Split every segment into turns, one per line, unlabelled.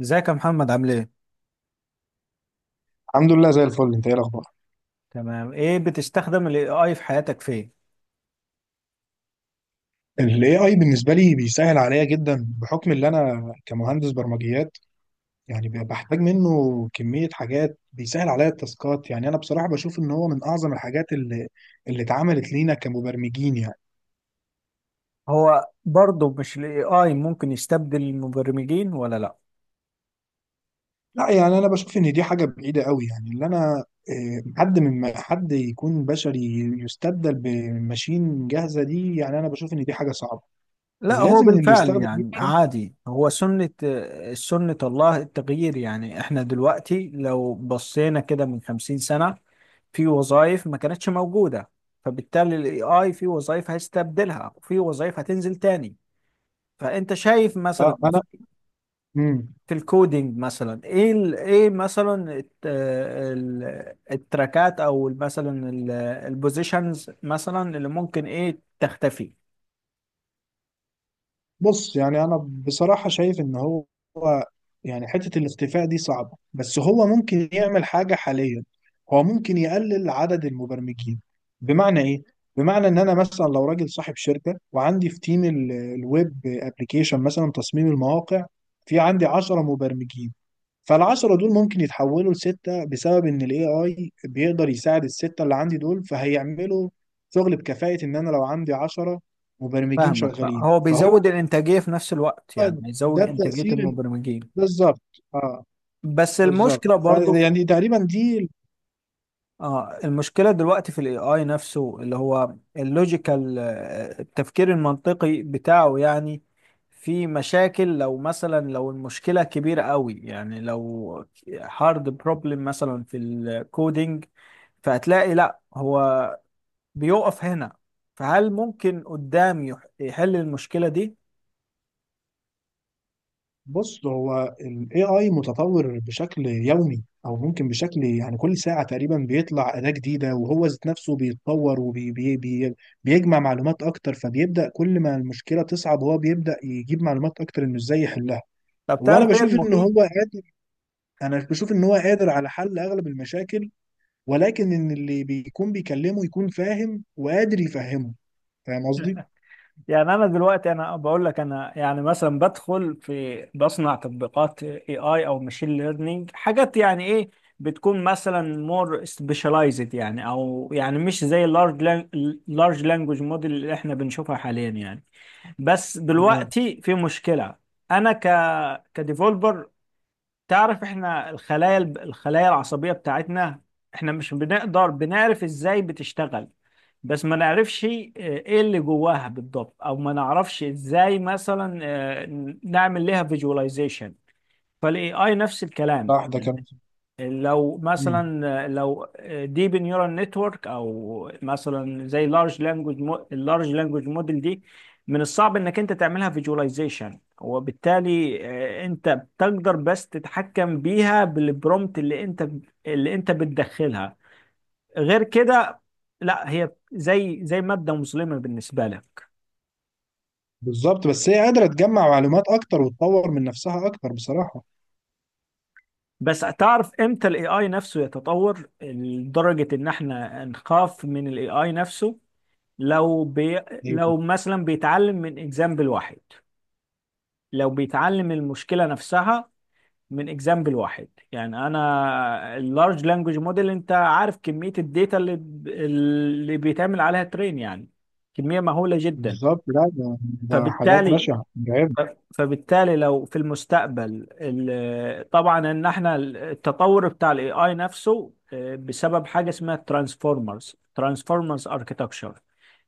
ازيك يا محمد، عامل ايه؟
الحمد لله زي الفل. انت ايه الاخبار؟
تمام. ايه، بتستخدم الاي اي في حياتك فين؟
الاي اي بالنسبه لي بيسهل عليا جدا بحكم ان انا كمهندس برمجيات يعني بحتاج منه كميه حاجات بيسهل عليا التاسكات. يعني انا بصراحه بشوف ان هو من اعظم الحاجات اللي اتعملت لينا كمبرمجين يعني.
هو برضه مش الاي اي ممكن يستبدل المبرمجين ولا لا؟
لا يعني انا بشوف ان دي حاجه بعيده قوي. يعني اللي انا اه، حد من حد يكون بشري يستبدل بماشين جاهزه، دي يعني انا بشوف ان دي حاجه صعبه.
لا، هو
ولازم ان اللي
بالفعل
يستخدم دي.
يعني عادي. هو سنة الله التغيير. يعني احنا دلوقتي لو بصينا كده من 50 سنة، في وظائف ما كانتش موجودة، فبالتالي الاي اي في وظائف هيستبدلها وفي وظائف هتنزل تاني. فانت شايف مثلا
اه انا.
في الكودينج، مثلا، ايه ايه مثلا التراكات، او مثلا البوزيشنز، مثلا اللي ممكن ايه تختفي؟
بص يعني انا بصراحة شايف ان هو يعني حتة الاختفاء دي صعبة، بس هو ممكن يعمل حاجة حاليا. هو ممكن يقلل عدد المبرمجين. بمعنى ايه؟ بمعنى ان انا مثلا لو راجل صاحب شركة وعندي في تيم الويب ابليكيشن مثلا، تصميم المواقع، في عندي 10 مبرمجين. فالعشرة دول ممكن يتحولوا لستة بسبب ان الاي اي بيقدر يساعد الستة اللي عندي دول، فهيعملوا شغل بكفاءة. ان انا لو عندي 10 مبرمجين
فاهمك.
شغالين
هو
فهو
بيزود الانتاجيه في نفس الوقت، يعني هيزود
ده
انتاجيه
التأثير
المبرمجين.
بالظبط. اه.
بس
بالظبط،
المشكله برضو،
فيعني تقريبا دي.
اه المشكلة دلوقتي في الاي اي نفسه، اللي هو اللوجيكال، التفكير المنطقي بتاعه يعني. في مشاكل، لو مثلا لو المشكلة كبيرة قوي، يعني لو هارد بروبلم مثلا في الكودينج، فهتلاقي لا، هو بيقف هنا. فهل ممكن قدام يحل المشكلة دي؟
بص هو ال AI متطور بشكل يومي، او ممكن بشكل يعني كل ساعة تقريبا بيطلع أداة جديدة. وهو ذات نفسه بيتطور وبيجمع معلومات اكتر، فبيبدأ كل ما المشكلة تصعب هو بيبدأ يجيب معلومات اكتر انه ازاي يحلها.
طب
وانا
تعرف ايه
بشوف ان
المخيف؟
هو قادر. انا بشوف ان هو قادر على حل اغلب المشاكل، ولكن ان اللي بيكون بيكلمه يكون فاهم وقادر يفهمه. فاهم قصدي؟
يعني انا دلوقتي، انا بقول لك، انا يعني مثلا بدخل في بصنع تطبيقات اي اي او ماشين ليرنينج، حاجات يعني ايه، بتكون مثلا مور سبيشاليزد، يعني او يعني مش زي لارج لانجوج موديل اللي احنا بنشوفها حاليا يعني. بس دلوقتي في مشكلة. انا كديفولبر، تعرف احنا الخلايا العصبية بتاعتنا، احنا مش بنقدر، بنعرف ازاي بتشتغل، بس ما نعرفش، ايه اللي جواها بالضبط، او ما نعرفش ازاي مثلا، نعمل لها فيجواليزيشن. فالاي اي نفس الكلام.
صح، ده كمان.
لو
مم.
مثلا لو ديب نيورال نتورك، او مثلا زي لارج لانجوج اللارج لانجوج موديل دي، من الصعب انك انت تعملها فيجواليزيشن، وبالتالي انت بتقدر بس تتحكم بيها بالبرومت اللي انت بتدخلها. غير كده لا، هي زي مادة مظلمة بالنسبة لك.
بالظبط، بس هي قادرة تجمع معلومات أكتر وتطور من نفسها أكتر بصراحة.
بس تعرف امتى الاي اي نفسه يتطور لدرجة ان احنا نخاف من الاي اي نفسه؟ لو بي...
هي-
لو مثلا بيتعلم من اكزامبل واحد، لو بيتعلم المشكله نفسها من اكزامبل واحد. يعني انا اللارج لانجوج موديل، انت عارف كميه الداتا اللي بيتعمل عليها ترين؟ يعني كميه مهوله جدا.
بالظبط. لا ده حاجات
فبالتالي،
بشعة مرعبة.
لو في المستقبل طبعا ان احنا التطور بتاع الاي اي نفسه، بسبب حاجه اسمها ترانسفورمرز، اركيتكتشر.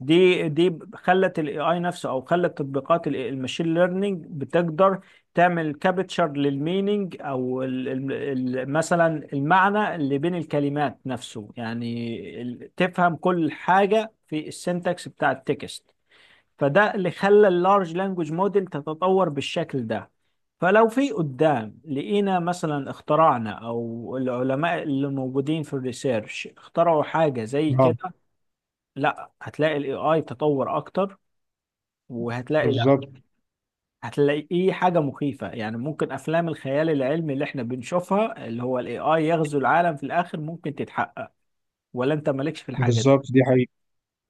دي خلت الاي اي نفسه، او خلت تطبيقات الماشين ليرنينج بتقدر تعمل كابتشر للمينينج، او ال ال ال مثلا المعنى اللي بين الكلمات نفسه، يعني تفهم كل حاجة في السنتكس بتاع التكست. فده اللي خلى اللارج لانجوج موديل تتطور بالشكل ده. فلو في قدام لقينا، مثلا اخترعنا او العلماء اللي موجودين في الريسيرش اخترعوا حاجة زي
اه.
كده، لا هتلاقي الاي اي تطور اكتر، وهتلاقي لا
بالظبط.
هتلاقيه حاجه مخيفه. يعني ممكن افلام الخيال العلمي اللي احنا بنشوفها، اللي هو الاي اي يغزو العالم في الاخر، ممكن تتحقق، ولا انت مالكش في الحاجه دي؟
بالظبط دي حقيقة.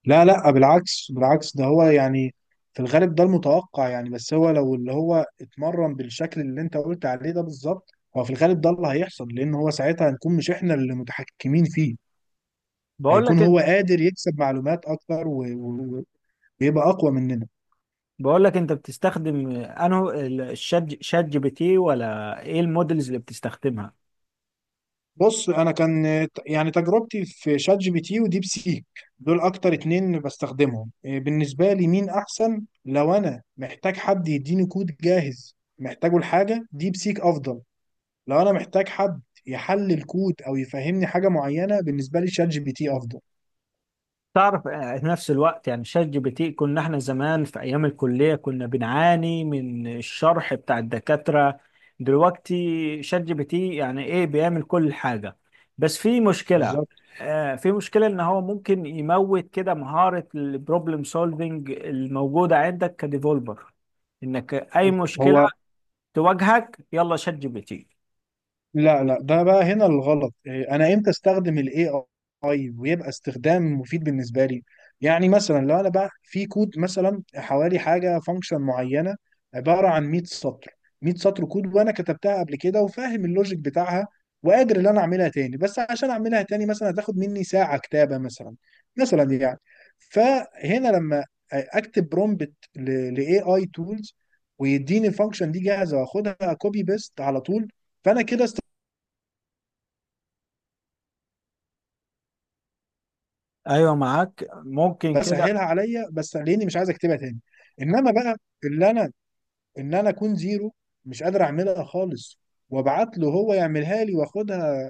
لا لا، بالعكس بالعكس، ده هو يعني في الغالب ده المتوقع يعني. بس هو لو اللي هو اتمرن بالشكل اللي أنت قلت عليه ده بالظبط، هو في الغالب ده اللي هيحصل، لأن هو ساعتها هنكون مش إحنا اللي متحكمين فيه.
بقول
هيكون
لك انت
هو قادر يكسب معلومات أكتر ويبقى أقوى مننا.
بقول لك، انت بتستخدم انه شات جي بي تي، ولا ايه المودلز اللي بتستخدمها؟
بص انا كان يعني تجربتي في شات جي بي تي وديب سيك. دول اكتر اتنين بستخدمهم. بالنسبه لي مين احسن؟ لو انا محتاج حد يديني كود جاهز محتاجه لحاجه، ديب سيك افضل. لو انا محتاج حد يحلل كود او يفهمني حاجه معينه، بالنسبه لي شات جي بي تي افضل.
تعرف، في نفس الوقت يعني شات جي بي تي، كنا احنا زمان في ايام الكليه كنا بنعاني من الشرح بتاع الدكاتره، دلوقتي شات جي بي تي يعني ايه، بيعمل كل حاجه. بس في مشكله.
بالظبط.
في مشكله ان هو ممكن يموت كده مهاره البروبلم سولفنج الموجوده عندك كديفولبر، انك اي مشكله
هو
تواجهك، يلا شات جي بي تي.
لا لا، ده بقى هنا الغلط. انا امتى استخدم الاي اي ويبقى استخدام مفيد بالنسبه لي؟ يعني مثلا لو انا بقى في كود مثلا، حوالي حاجه فانكشن معينه عباره عن 100 سطر. 100 سطر كود وانا كتبتها قبل كده وفاهم اللوجيك بتاعها، وقادر ان انا اعملها تاني. بس عشان اعملها تاني مثلا هتاخد مني ساعه كتابه مثلا، مثلا يعني. فهنا لما اكتب برومبت لاي اي تولز، ويديني الفانكشن دي جاهزه، واخدها كوبي بيست على طول، فانا كده
ايوه، معاك، ممكن كده،
بسهلها عليا، بس لاني مش عايز اكتبها تاني. انما بقى اللي انا ان انا اكون زيرو، مش قادر اعملها خالص، وابعت له هو يعملها لي واخدها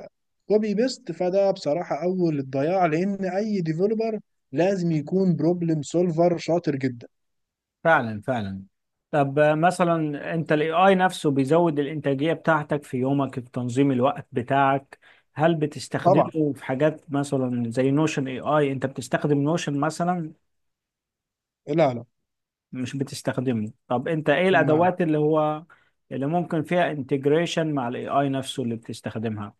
كوبي بيست، فده بصراحه اول الضياع، لان اي ديفلوبر لازم يكون بروبلم سولفر شاطر جدا.
فعلا فعلا. طب، مثلا انت الاي اي نفسه بيزود الانتاجية بتاعتك في يومك، في تنظيم الوقت بتاعك، هل
طبعا.
بتستخدمه في حاجات مثلا زي نوشن اي اي؟ انت بتستخدم نوشن مثلا؟
لا لا.
مش بتستخدمه؟ طب انت ايه
لا.
الادوات اللي هو، اللي ممكن فيها انتجريشن مع الاي اي نفسه اللي بتستخدمها؟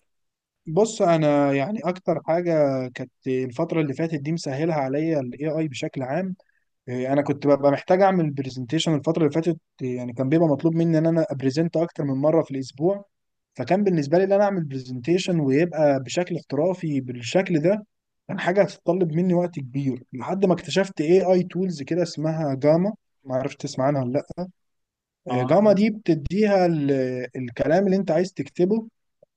بص انا يعني اكتر حاجه كانت الفتره اللي فاتت دي مسهلها عليا الاي اي بشكل عام. انا كنت ببقى محتاج اعمل برزنتيشن الفتره اللي فاتت، يعني كان بيبقى مطلوب مني ان انا ابريزنت اكتر من مره في الاسبوع. فكان بالنسبه لي ان انا اعمل برزنتيشن ويبقى بشكل احترافي بالشكل ده، كان حاجه هتتطلب مني وقت كبير لحد ما اكتشفت اي اي تولز كده اسمها جاما. ما عرفت تسمع عنها ولا لا؟
اه.
جاما دي بتديها الكلام اللي انت عايز تكتبه،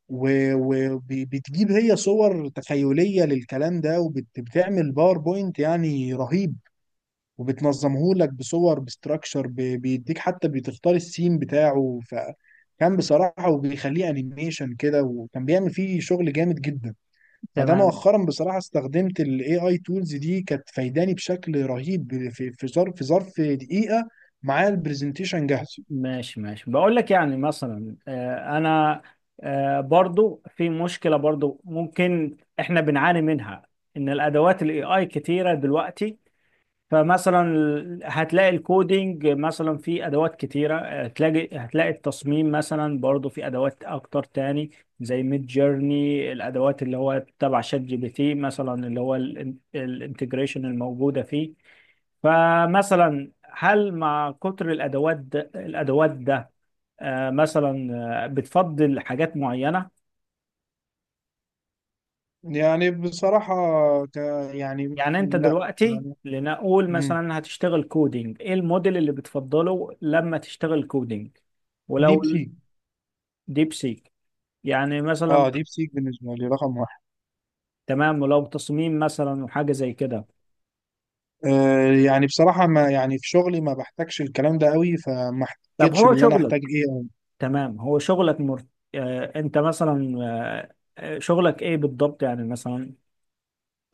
وبتجيب هي صور تخيليه للكلام ده، وبتعمل باوربوينت يعني رهيب. وبتنظمهولك بصور، بستراكشر، بيديك حتى بتختار السين بتاعه، فكان بصراحة، وبيخليه انيميشن كده، وكان بيعمل فيه شغل جامد جدا. فده
تمام،
مؤخرا بصراحة استخدمت ال AI tools دي، كانت فايداني بشكل رهيب. في في ظرف في ظرف دقيقة معايا البرزنتيشن جاهز.
ماشي ماشي. بقول لك يعني مثلا، آه، انا آه، برضو في مشكلة برضو ممكن احنا بنعاني منها، ان الادوات الاي اي كتيرة دلوقتي. فمثلا هتلاقي الكودينج مثلا في ادوات كتيرة، هتلاقي التصميم مثلا برضو في ادوات اكتر تاني، زي ميد جيرني، الادوات اللي هو تبع شات جي بي تي مثلا، اللي هو الانتجريشن الموجودة فيه. فمثلا هل مع كتر الادوات ده، مثلا بتفضل حاجات معينه؟
يعني بصراحة ك يعني
يعني انت
لا
دلوقتي
يعني.
لنقول
مم.
مثلا هتشتغل كودينج، ايه الموديل اللي بتفضله لما تشتغل كودينج؟ ولو
ديب سيك.
ديب سيك، يعني
اه
مثلا؟
ديب سيك بالنسبة لي رقم واحد.
تمام. ولو تصميم مثلا وحاجه زي كده؟
يعني بصراحة ما يعني في شغلي ما بحتاجش الكلام ده قوي، فما
طب
احتكتش
هو
باللي انا
شغلك،
احتاج ايه أوي.
تمام. هو شغلك آه، انت مثلا آه، آه، شغلك ايه بالضبط يعني مثلا؟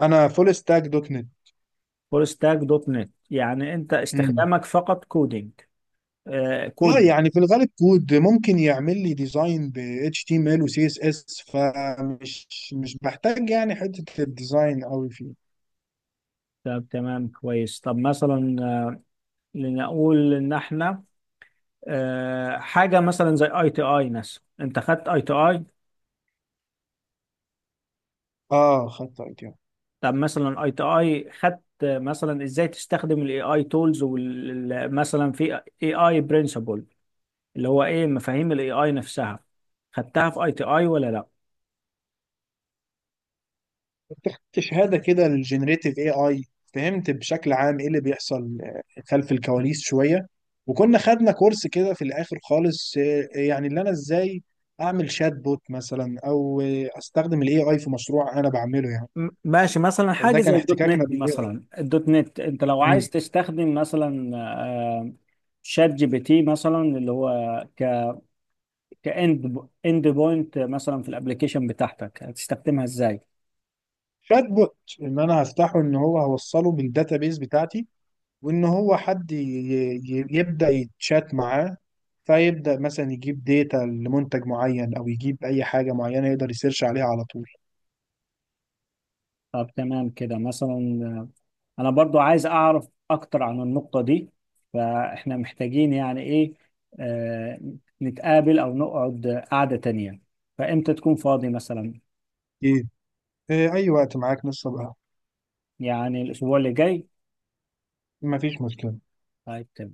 انا فول ستاك دوت نت.
فول ستاك دوت نت. يعني انت
امم.
استخدامك فقط كودينج؟
اه
كودينج.
يعني في الغالب كود، ممكن يعمل لي ديزاين ب HTML و CSS، فمش مش بحتاج يعني حتة الديزاين قوي فيه.
طب تمام، كويس. طب مثلا لنقول ان احنا، حاجه مثلا زي اي تي اي مثلا، انت خدت اي تي اي؟
اه خدت اي
طب مثلا اي تي اي خدت، مثلا ازاي تستخدم الاي اي تولز مثلا في اي اي برنسبل، اللي هو ايه مفاهيم الاي اي نفسها، خدتها في اي تي اي ولا لا؟
شهادة كده للجنريتيف اي اي. فهمت بشكل عام ايه اللي بيحصل خلف الكواليس شوية. وكنا خدنا كورس كده في الاخر خالص، يعني اللي انا ازاي اعمل شات بوت مثلا، او استخدم الاي اي في مشروع انا بعمله يعني.
ماشي. مثلا حاجة
ده كان
زي الدوت
احتكاكنا
نت
بالاي
مثلا، الدوت نت انت لو
اي.
عايز تستخدم مثلا شات جي بي تي مثلا، اللي هو ك كاند اند بوينت مثلا في الابليكيشن بتاعتك، هتستخدمها ازاي؟
شات بوت، ان انا هفتحه ان هو هوصله بالداتابيز بتاعتي، وان هو حد يبدا يتشات معاه، فيبدا مثلا يجيب داتا لمنتج معين، او يجيب اي حاجه معينه يقدر يسيرش عليها على طول.
طب تمام كده. مثلا انا برضو عايز اعرف اكتر عن النقطة دي، فاحنا محتاجين يعني ايه، آه، نتقابل او نقعد قعدة تانية. فامتى تكون فاضي مثلا؟
ايه. اي وقت معاك. نص بقى.
يعني الاسبوع اللي جاي؟
مفيش مشكلة.
طيب، تمام.